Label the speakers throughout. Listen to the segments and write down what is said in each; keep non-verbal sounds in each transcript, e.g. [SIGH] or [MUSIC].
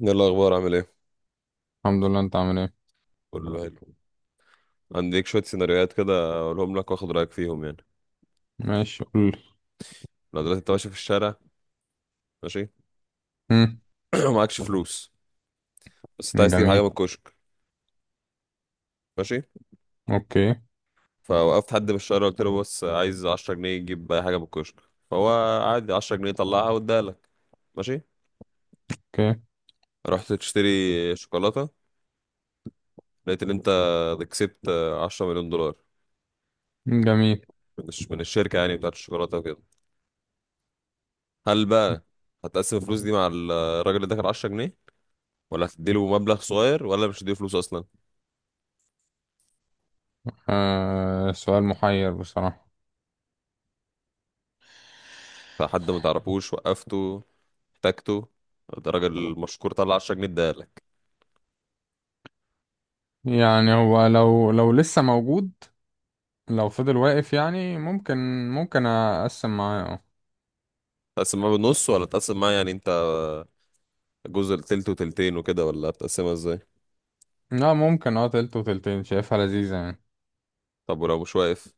Speaker 1: ايه الاخبار؟ عامل ايه؟
Speaker 2: الحمد لله. انت عامل ايه؟
Speaker 1: كله الحمد حلو لله. عنديك شويه سيناريوهات كده اقولهم لك واخد رايك فيهم يعني.
Speaker 2: ماشي، قول لي.
Speaker 1: لو دلوقتي انت ماشي في الشارع، ماشي [CLEARS THROAT] ومعكش فلوس، بس انت
Speaker 2: مم،
Speaker 1: عايز تجيب حاجه
Speaker 2: جميل.
Speaker 1: من الكشك، ماشي.
Speaker 2: اوكي.
Speaker 1: فوقفت حد في الشارع قلت له بص عايز 10 جنيه تجيب اي حاجه من الكشك، فهو عادي 10 جنيه طلعها واداها لك، ماشي.
Speaker 2: اوكي،
Speaker 1: رحت تشتري شوكولاته، لقيت ان انت كسبت 10 مليون دولار
Speaker 2: جميل.
Speaker 1: من الشركه يعني بتاعت الشوكولاته وكده. هل بقى هتقسم الفلوس دي مع الراجل اللي داخل 10 جنيه، ولا هتديله مبلغ صغير، ولا مش هتديله فلوس اصلا؟
Speaker 2: آه، سؤال محير بصراحة.
Speaker 1: فحد ما تعرفوش وقفته، احتاجته، ده راجل مشكور طلع 10 جنيه اداهالك.
Speaker 2: يعني هو لو لسه موجود، لو فضل واقف يعني ممكن، اقسم معاه، اه.
Speaker 1: تقسم معاه بالنص، ولا تقسم معاه يعني انت جزء تلت وتلتين وكده، ولا بتقسمها ازاي؟
Speaker 2: لا، ممكن، اه، تلت وتلتين شايفها لذيذة يعني.
Speaker 1: طب ولو مش واقف،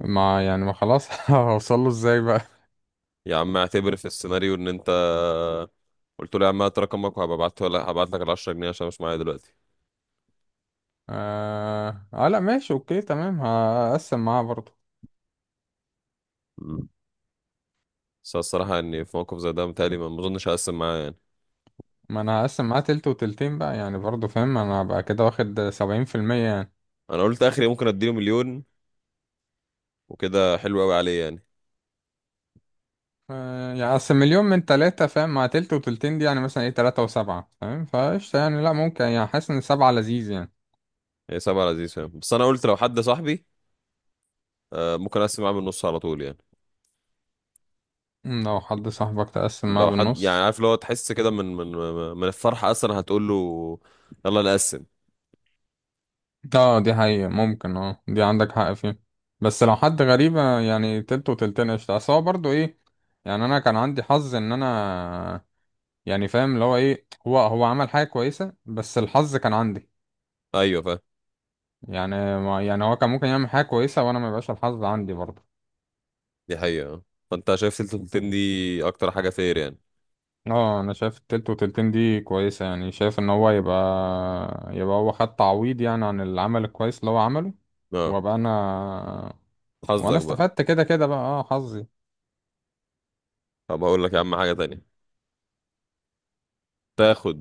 Speaker 2: ما يعني ما خلاص [LAUGHS] هوصله ازاي بقى؟
Speaker 1: يا عم اعتبر في السيناريو ان انت قلت له يا عم هات رقمك وهبقى ابعت، ولا هبعت لك ال 10 جنيه عشان مش معايا دلوقتي.
Speaker 2: آه، لا، ماشي، اوكي، تمام، هقسم معاه برضه.
Speaker 1: مم. بس أنا الصراحه اني في موقف زي ده متهيألي ما اظنش هقسم معاه يعني.
Speaker 2: ما انا هقسم معاه تلت وتلتين بقى، يعني برضه فاهم انا هبقى كده واخد 70% يعني.
Speaker 1: انا قلت اخري ممكن اديله مليون وكده حلو قوي عليه يعني.
Speaker 2: آه، يعني أصل مليون من تلاتة، فاهم، مع تلت وتلتين دي، يعني مثلا ايه، تلاتة وسبعة، فاهم، فقشطة يعني. لأ، ممكن، يعني حاسس إن سبعة لذيذ يعني.
Speaker 1: هي سبعة لذيذ فاهم، بس انا قلت لو حد صاحبي، ممكن اقسم معاه بالنص على طول يعني.
Speaker 2: مم، لو حد صاحبك تقسم معاه
Speaker 1: لو حد يعني
Speaker 2: بالنص.
Speaker 1: عارف اللي هو تحس كده من الفرحة أصلا هتقول له يلا نقسم.
Speaker 2: اه، دي حقيقة، ممكن، اه دي عندك حق فيه. بس لو حد غريب، آه، يعني تلت وتلتين قشطة، أصل هو برضه ايه. يعني أنا كان عندي حظ إن أنا، يعني فاهم اللي هو ايه، هو عمل حاجة كويسة بس الحظ كان عندي.
Speaker 1: أيوة فاهم،
Speaker 2: يعني هو كان ممكن يعمل حاجة كويسة وأنا ما يبقاش الحظ عندي برضه.
Speaker 1: دي حقيقة. فأنت شايف سلسلة التين دي أكتر حاجة فير يعني.
Speaker 2: اه، انا شايف التلت وتلتين دي كويسة، يعني شايف ان هو يبقى، يبقى هو خد تعويض يعني عن العمل الكويس اللي هو عمله،
Speaker 1: اه
Speaker 2: وابقى انا، وانا
Speaker 1: حظك بقى.
Speaker 2: استفدت كده كده بقى. اه، حظي.
Speaker 1: طب هقول لك يا عم حاجة تانية. تاخد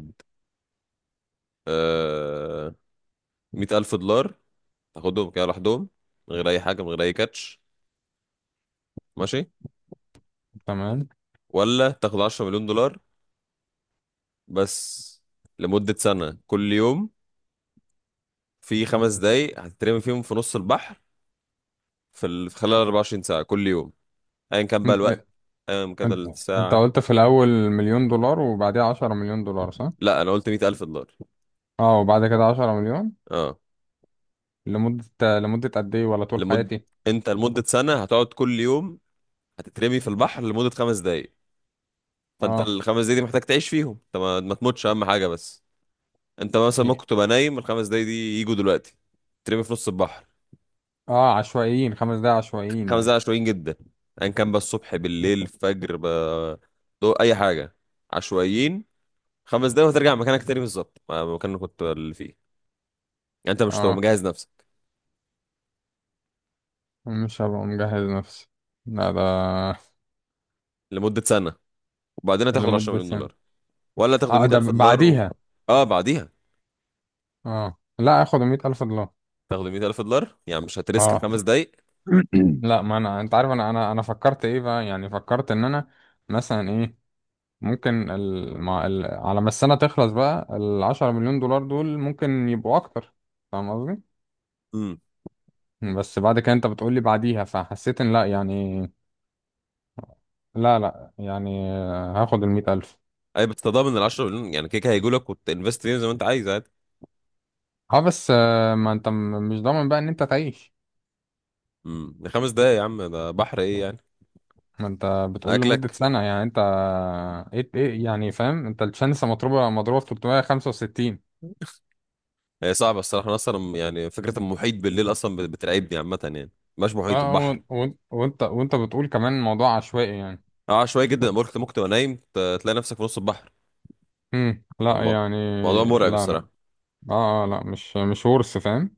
Speaker 1: آه مية ألف دولار، تاخدهم كده لوحدهم، من غير أي حاجة، من غير أي كاتش، ماشي،
Speaker 2: تمام.
Speaker 1: ولا تاخد عشرة مليون دولار بس لمدة سنة كل يوم، في خمس دقايق هتترمي فيهم في نص البحر، في خلال 24 ساعة كل يوم، ايا كان بقى الوقت،
Speaker 2: انت
Speaker 1: ايا كان
Speaker 2: انت انت
Speaker 1: الساعة.
Speaker 2: قلت في الاول مليون دولار، وبعديها عشرة مليون دولار، صح؟
Speaker 1: لا انا قلت مية الف دولار.
Speaker 2: اه، وبعد كده عشرة مليون.
Speaker 1: اه.
Speaker 2: لمدة قد ايه، ولا طول
Speaker 1: لمد
Speaker 2: حياتي؟
Speaker 1: انت لمدة سنة هتقعد كل يوم هتترمي في البحر لمدة خمس دقايق، فانت
Speaker 2: اه.
Speaker 1: الخمس دقايق دي محتاج تعيش فيهم، انت ما تموتش اهم حاجة بس. انت مثلا
Speaker 2: إيه؟
Speaker 1: ممكن تبقى نايم الخمس دقايق دي يجوا دلوقتي ترمي في نص البحر.
Speaker 2: اه، عشوائيين، خمس دقايق عشوائيين
Speaker 1: خمس
Speaker 2: يعني.
Speaker 1: دقايق عشوائيين جدا، ايا كان بقى الصبح بالليل الفجر بقى، اي حاجة. عشوائيين خمس دقايق، وهترجع مكانك تاني بالظبط مكانك كنت اللي فيه يعني، انت مش هتبقى
Speaker 2: اه،
Speaker 1: مجهز نفسك.
Speaker 2: مش هبقى مجهز نفسي. لا، ده
Speaker 1: لمدة سنة، وبعدين هتاخد 10
Speaker 2: لمدة
Speaker 1: مليون
Speaker 2: سنة.
Speaker 1: دولار، ولا تاخدوا
Speaker 2: اه، ده
Speaker 1: 100,000 دولار و...
Speaker 2: بعديها.
Speaker 1: اه بعديها.
Speaker 2: اه، لا، اخد مية الف دولار.
Speaker 1: تاخدوا 100,000 دولار يعني مش هتريسك
Speaker 2: اه.
Speaker 1: خمس دقايق.
Speaker 2: لا، ما انا انت عارف، انا انا فكرت ايه بقى، يعني فكرت ان انا مثلا ايه ممكن على ما السنة تخلص بقى، العشرة مليون دولار دول ممكن يبقوا اكتر، فاهم قصدي.
Speaker 1: امم
Speaker 2: بس بعد كده انت بتقولي بعديها، فحسيت ان لا يعني. لا، لا، يعني آه، هاخد المية الف.
Speaker 1: اي بتتضامن ال 10 مليون يعني كيكه هيجوا لك وتنفست فيهم زي ما انت عايز عادي.
Speaker 2: اه، بس آه، ما انت مش ضامن بقى ان انت تعيش.
Speaker 1: ده خمس دقايق يا عم ده بحر ايه يعني؟
Speaker 2: ما انت بتقول لمدة
Speaker 1: اكلك.
Speaker 2: سنة، يعني انت ايه يعني، فاهم، انت الشانس مضروبة في 365.
Speaker 1: هي صعبه الصراحه، انا اصلا يعني فكره المحيط بالليل اصلا بترعبني عامه يعني، مش محيط
Speaker 2: اه،
Speaker 1: البحر.
Speaker 2: وانت بتقول كمان موضوع عشوائي يعني.
Speaker 1: اه شويه جدا، أبقى قلت ممكن تبقى نايم تلاقي نفسك في نص البحر.
Speaker 2: لا
Speaker 1: الم-
Speaker 2: يعني.
Speaker 1: الموضوع مرعب
Speaker 2: لا، لا.
Speaker 1: الصراحه.
Speaker 2: اه آه، لا، مش ورث، فاهم.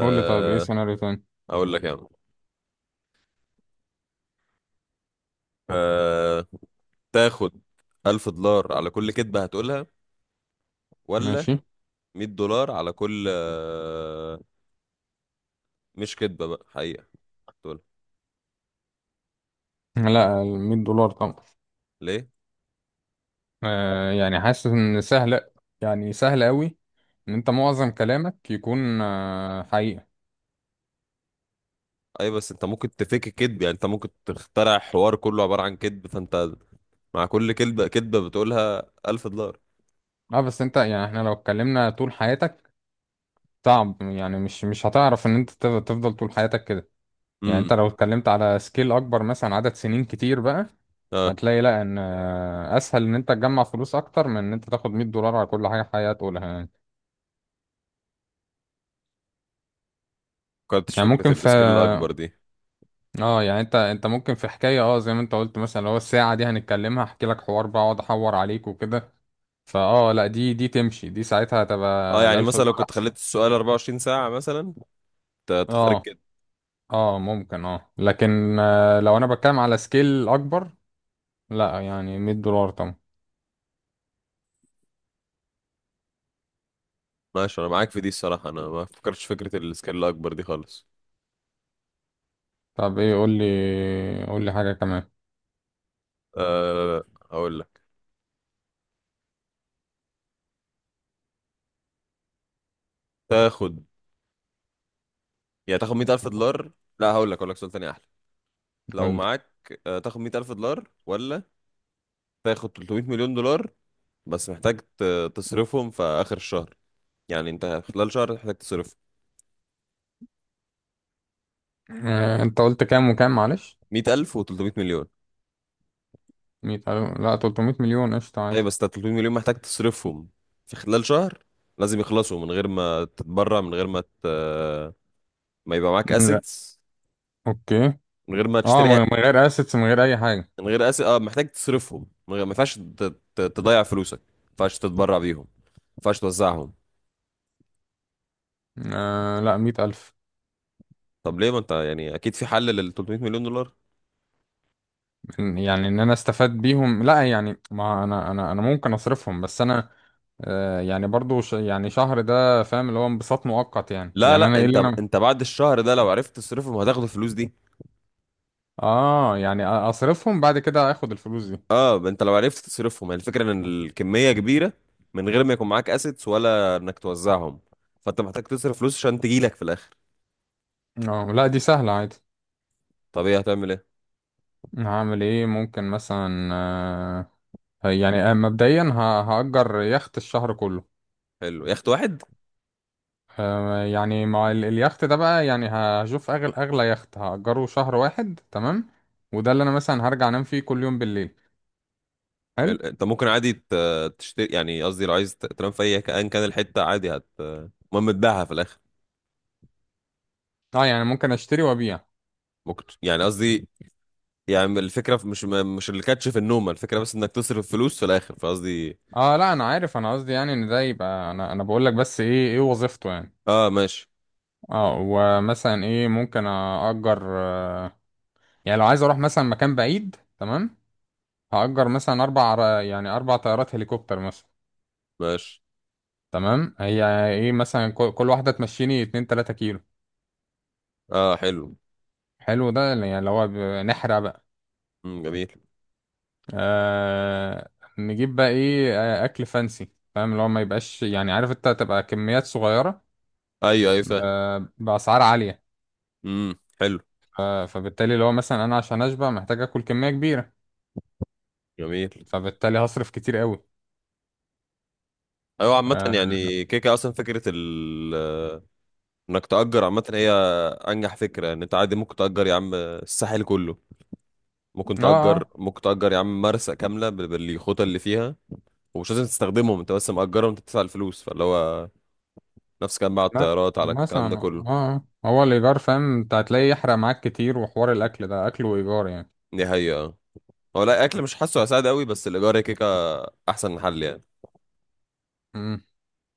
Speaker 2: قول لي طيب، ايه سيناريو تاني؟
Speaker 1: اقول لك يعني. أه... تاخد 1000 دولار على كل كذبه هتقولها، ولا
Speaker 2: ماشي.
Speaker 1: 100 دولار على كل مش كدبة بقى، حقيقة. دول
Speaker 2: لا، ال $100 طبعا.
Speaker 1: ليه؟
Speaker 2: آه، يعني حاسس ان سهل، يعني سهل قوي، ان انت معظم كلامك يكون آه حقيقة.
Speaker 1: اي بس انت ممكن تفك كدب، يعني انت ممكن تخترع حوار كله عبارة عن كدب، فانت مع كل كدبة بتقولها 1000 دولار.
Speaker 2: اه، بس انت، يعني احنا لو اتكلمنا طول حياتك، صعب، يعني مش هتعرف ان انت تفضل طول حياتك كده. يعني انت
Speaker 1: امم
Speaker 2: لو اتكلمت على سكيل اكبر مثلا، عدد سنين كتير بقى،
Speaker 1: اه.
Speaker 2: هتلاقي لا، ان آه، اسهل ان انت تجمع فلوس اكتر من ان انت تاخد $100 على كل حاجه حقيقه تقولها يعني.
Speaker 1: كنتش
Speaker 2: يعني
Speaker 1: فكرة
Speaker 2: ممكن في،
Speaker 1: السكيل الاكبر دي.
Speaker 2: اه، يعني انت ممكن في حكايه، اه، زي ما انت قلت مثلا، لو الساعه دي هنتكلمها، احكي لك حوار بقى، اقعد احور عليك وكده. فاه، لا دي تمشي، دي ساعتها
Speaker 1: اه
Speaker 2: هتبقى ال
Speaker 1: يعني
Speaker 2: 1000
Speaker 1: مثلا لو
Speaker 2: دولار
Speaker 1: كنت
Speaker 2: احسن.
Speaker 1: خليت السؤال 24 ساعة مثلا تختار
Speaker 2: اه
Speaker 1: الكدب.
Speaker 2: اه ممكن، اه، لكن آه، لو انا بتكلم على سكيل اكبر، لا يعني $100 طبعا.
Speaker 1: ماشي انا معاك في دي الصراحة، انا ما فكرتش فكرة السكيل الاكبر دي خالص.
Speaker 2: طب ايه، قول لي، قول لي حاجه كمان.
Speaker 1: أه. هقول لك. تاخد يعني تاخد 100,000 دولار. لا هقول لك، هقول لك سؤال تاني احلى.
Speaker 2: قول
Speaker 1: لو
Speaker 2: لي.
Speaker 1: معاك، تاخد مية ألف دولار، ولا تاخد 300 مليون دولار بس محتاج تصرفهم في آخر الشهر، يعني أنت خلال شهر محتاج تصرف
Speaker 2: آه، انت قلت كام وكام، معلش؟
Speaker 1: مية ألف و300 مليون.
Speaker 2: 100 ألف، لا، 300 مليون قشطة
Speaker 1: أي
Speaker 2: عادي.
Speaker 1: بس أنت 300 مليون محتاج تصرفهم في خلال شهر، لازم يخلصوا من غير ما تتبرع، من غير ما ت... ما يبقى معاك
Speaker 2: من غير.
Speaker 1: أسيتس،
Speaker 2: أوكي.
Speaker 1: من غير ما
Speaker 2: أه، من
Speaker 1: تشتري.
Speaker 2: من غير أسيتس، من غير أي حاجة.
Speaker 1: من غير أسيت، أه محتاج تصرفهم من غير ما ينفعش ت... تضيع فلوسك، ما ينفعش تتبرع بيهم، ما ينفعش توزعهم.
Speaker 2: آه، لا، 100 ألف.
Speaker 1: طب ليه؟ ما أنت يعني أكيد في حل لل 300 مليون دولار.
Speaker 2: يعني إن أنا أستفاد بيهم، لا يعني، ما أنا أنا ممكن أصرفهم، بس أنا آه، يعني برضو، يعني شهر ده فاهم، اللي هو انبساط مؤقت، يعني
Speaker 1: لا
Speaker 2: أنا
Speaker 1: لا،
Speaker 2: إيه اللي
Speaker 1: انت
Speaker 2: أنا.
Speaker 1: انت بعد الشهر ده لو عرفت تصرفهم هتاخد الفلوس دي.
Speaker 2: أه، يعني أصرفهم بعد كده آخد الفلوس دي.
Speaker 1: اه ما انت لو عرفت تصرفهم، يعني الفكره ان الكميه كبيره من غير ما يكون معاك اسيتس ولا انك توزعهم، فانت محتاج تصرف فلوس عشان تجيلك في الاخر.
Speaker 2: أه، لا دي سهلة عادي.
Speaker 1: طب ايه هتعمل ايه؟
Speaker 2: هعمل إيه؟ ممكن مثلا آه، يعني آه، مبدئيا هأجر يخت الشهر كله.
Speaker 1: حلو يخت واحد.
Speaker 2: آه، يعني مع اليخت ده بقى، يعني هشوف اغلى يخت هأجره شهر واحد، تمام. وده اللي انا مثلا هرجع انام فيه كل يوم بالليل. حلو.
Speaker 1: حلو. انت ممكن عادي تشتري يعني، قصدي لو عايز تنام في اي كان كان الحته عادي هت المهم تبيعها في الاخر.
Speaker 2: اه، يعني ممكن اشتري وابيع.
Speaker 1: ممكن ت- يعني قصدي، يعني الفكره في- مش مش الكاتش في النوم، الفكره بس انك تصرف فلوس في الاخر، فقصدي
Speaker 2: اه، لا انا عارف، انا قصدي يعني ان ده يبقى، انا بقول لك بس ايه وظيفته يعني.
Speaker 1: اه ماشي.
Speaker 2: اه، ومثلا ايه ممكن اأجر، آه، يعني لو عايز اروح مثلا مكان بعيد، تمام، هأجر مثلا اربع اربع طيارات هليكوبتر مثلا.
Speaker 1: ماشي
Speaker 2: تمام، هي ايه مثلا كل واحدة تمشيني اتنين تلاتة كيلو.
Speaker 1: اه حلو.
Speaker 2: حلو، ده يعني اللي هو، نحرق
Speaker 1: جميل.
Speaker 2: آه. نجيب بقى ايه، آه، اكل فانسي، فاهم اللي هو ما يبقاش، يعني عارف انت، تبقى كميات صغيره
Speaker 1: ايوه ايوه فاهم.
Speaker 2: باسعار عاليه.
Speaker 1: حلو.
Speaker 2: فبالتالي اللي هو مثلا انا عشان اشبع محتاج اكل كميه كبيره،
Speaker 1: جميل.
Speaker 2: فبالتالي هصرف كتير قوي.
Speaker 1: ايوه عامه
Speaker 2: اه.
Speaker 1: يعني كيكه اصلا فكره ال انك تأجر عامه، هي انجح فكره. ان انت عادي ممكن تأجر يا عم الساحل كله، ممكن
Speaker 2: اه،
Speaker 1: تأجر،
Speaker 2: آه،
Speaker 1: ممكن تأجر يا عم مرسى كامله بالخطى اللي فيها، ومش لازم تستخدمهم انت، بس مأجرهم انت بتدفع الفلوس، فاللي هو نفس كان بقى على
Speaker 2: ما
Speaker 1: الطيارات، على الكلام ده
Speaker 2: مثلا اه
Speaker 1: كله.
Speaker 2: آه. هو الايجار، فاهم انت هتلاقيه يحرق معاك كتير، وحوار الاكل ده اكل وايجار،
Speaker 1: دي حقيقه. هو لا اكل مش حاسه هيساعد قوي، بس الايجار هي كيكه، احسن حل يعني.
Speaker 2: يعني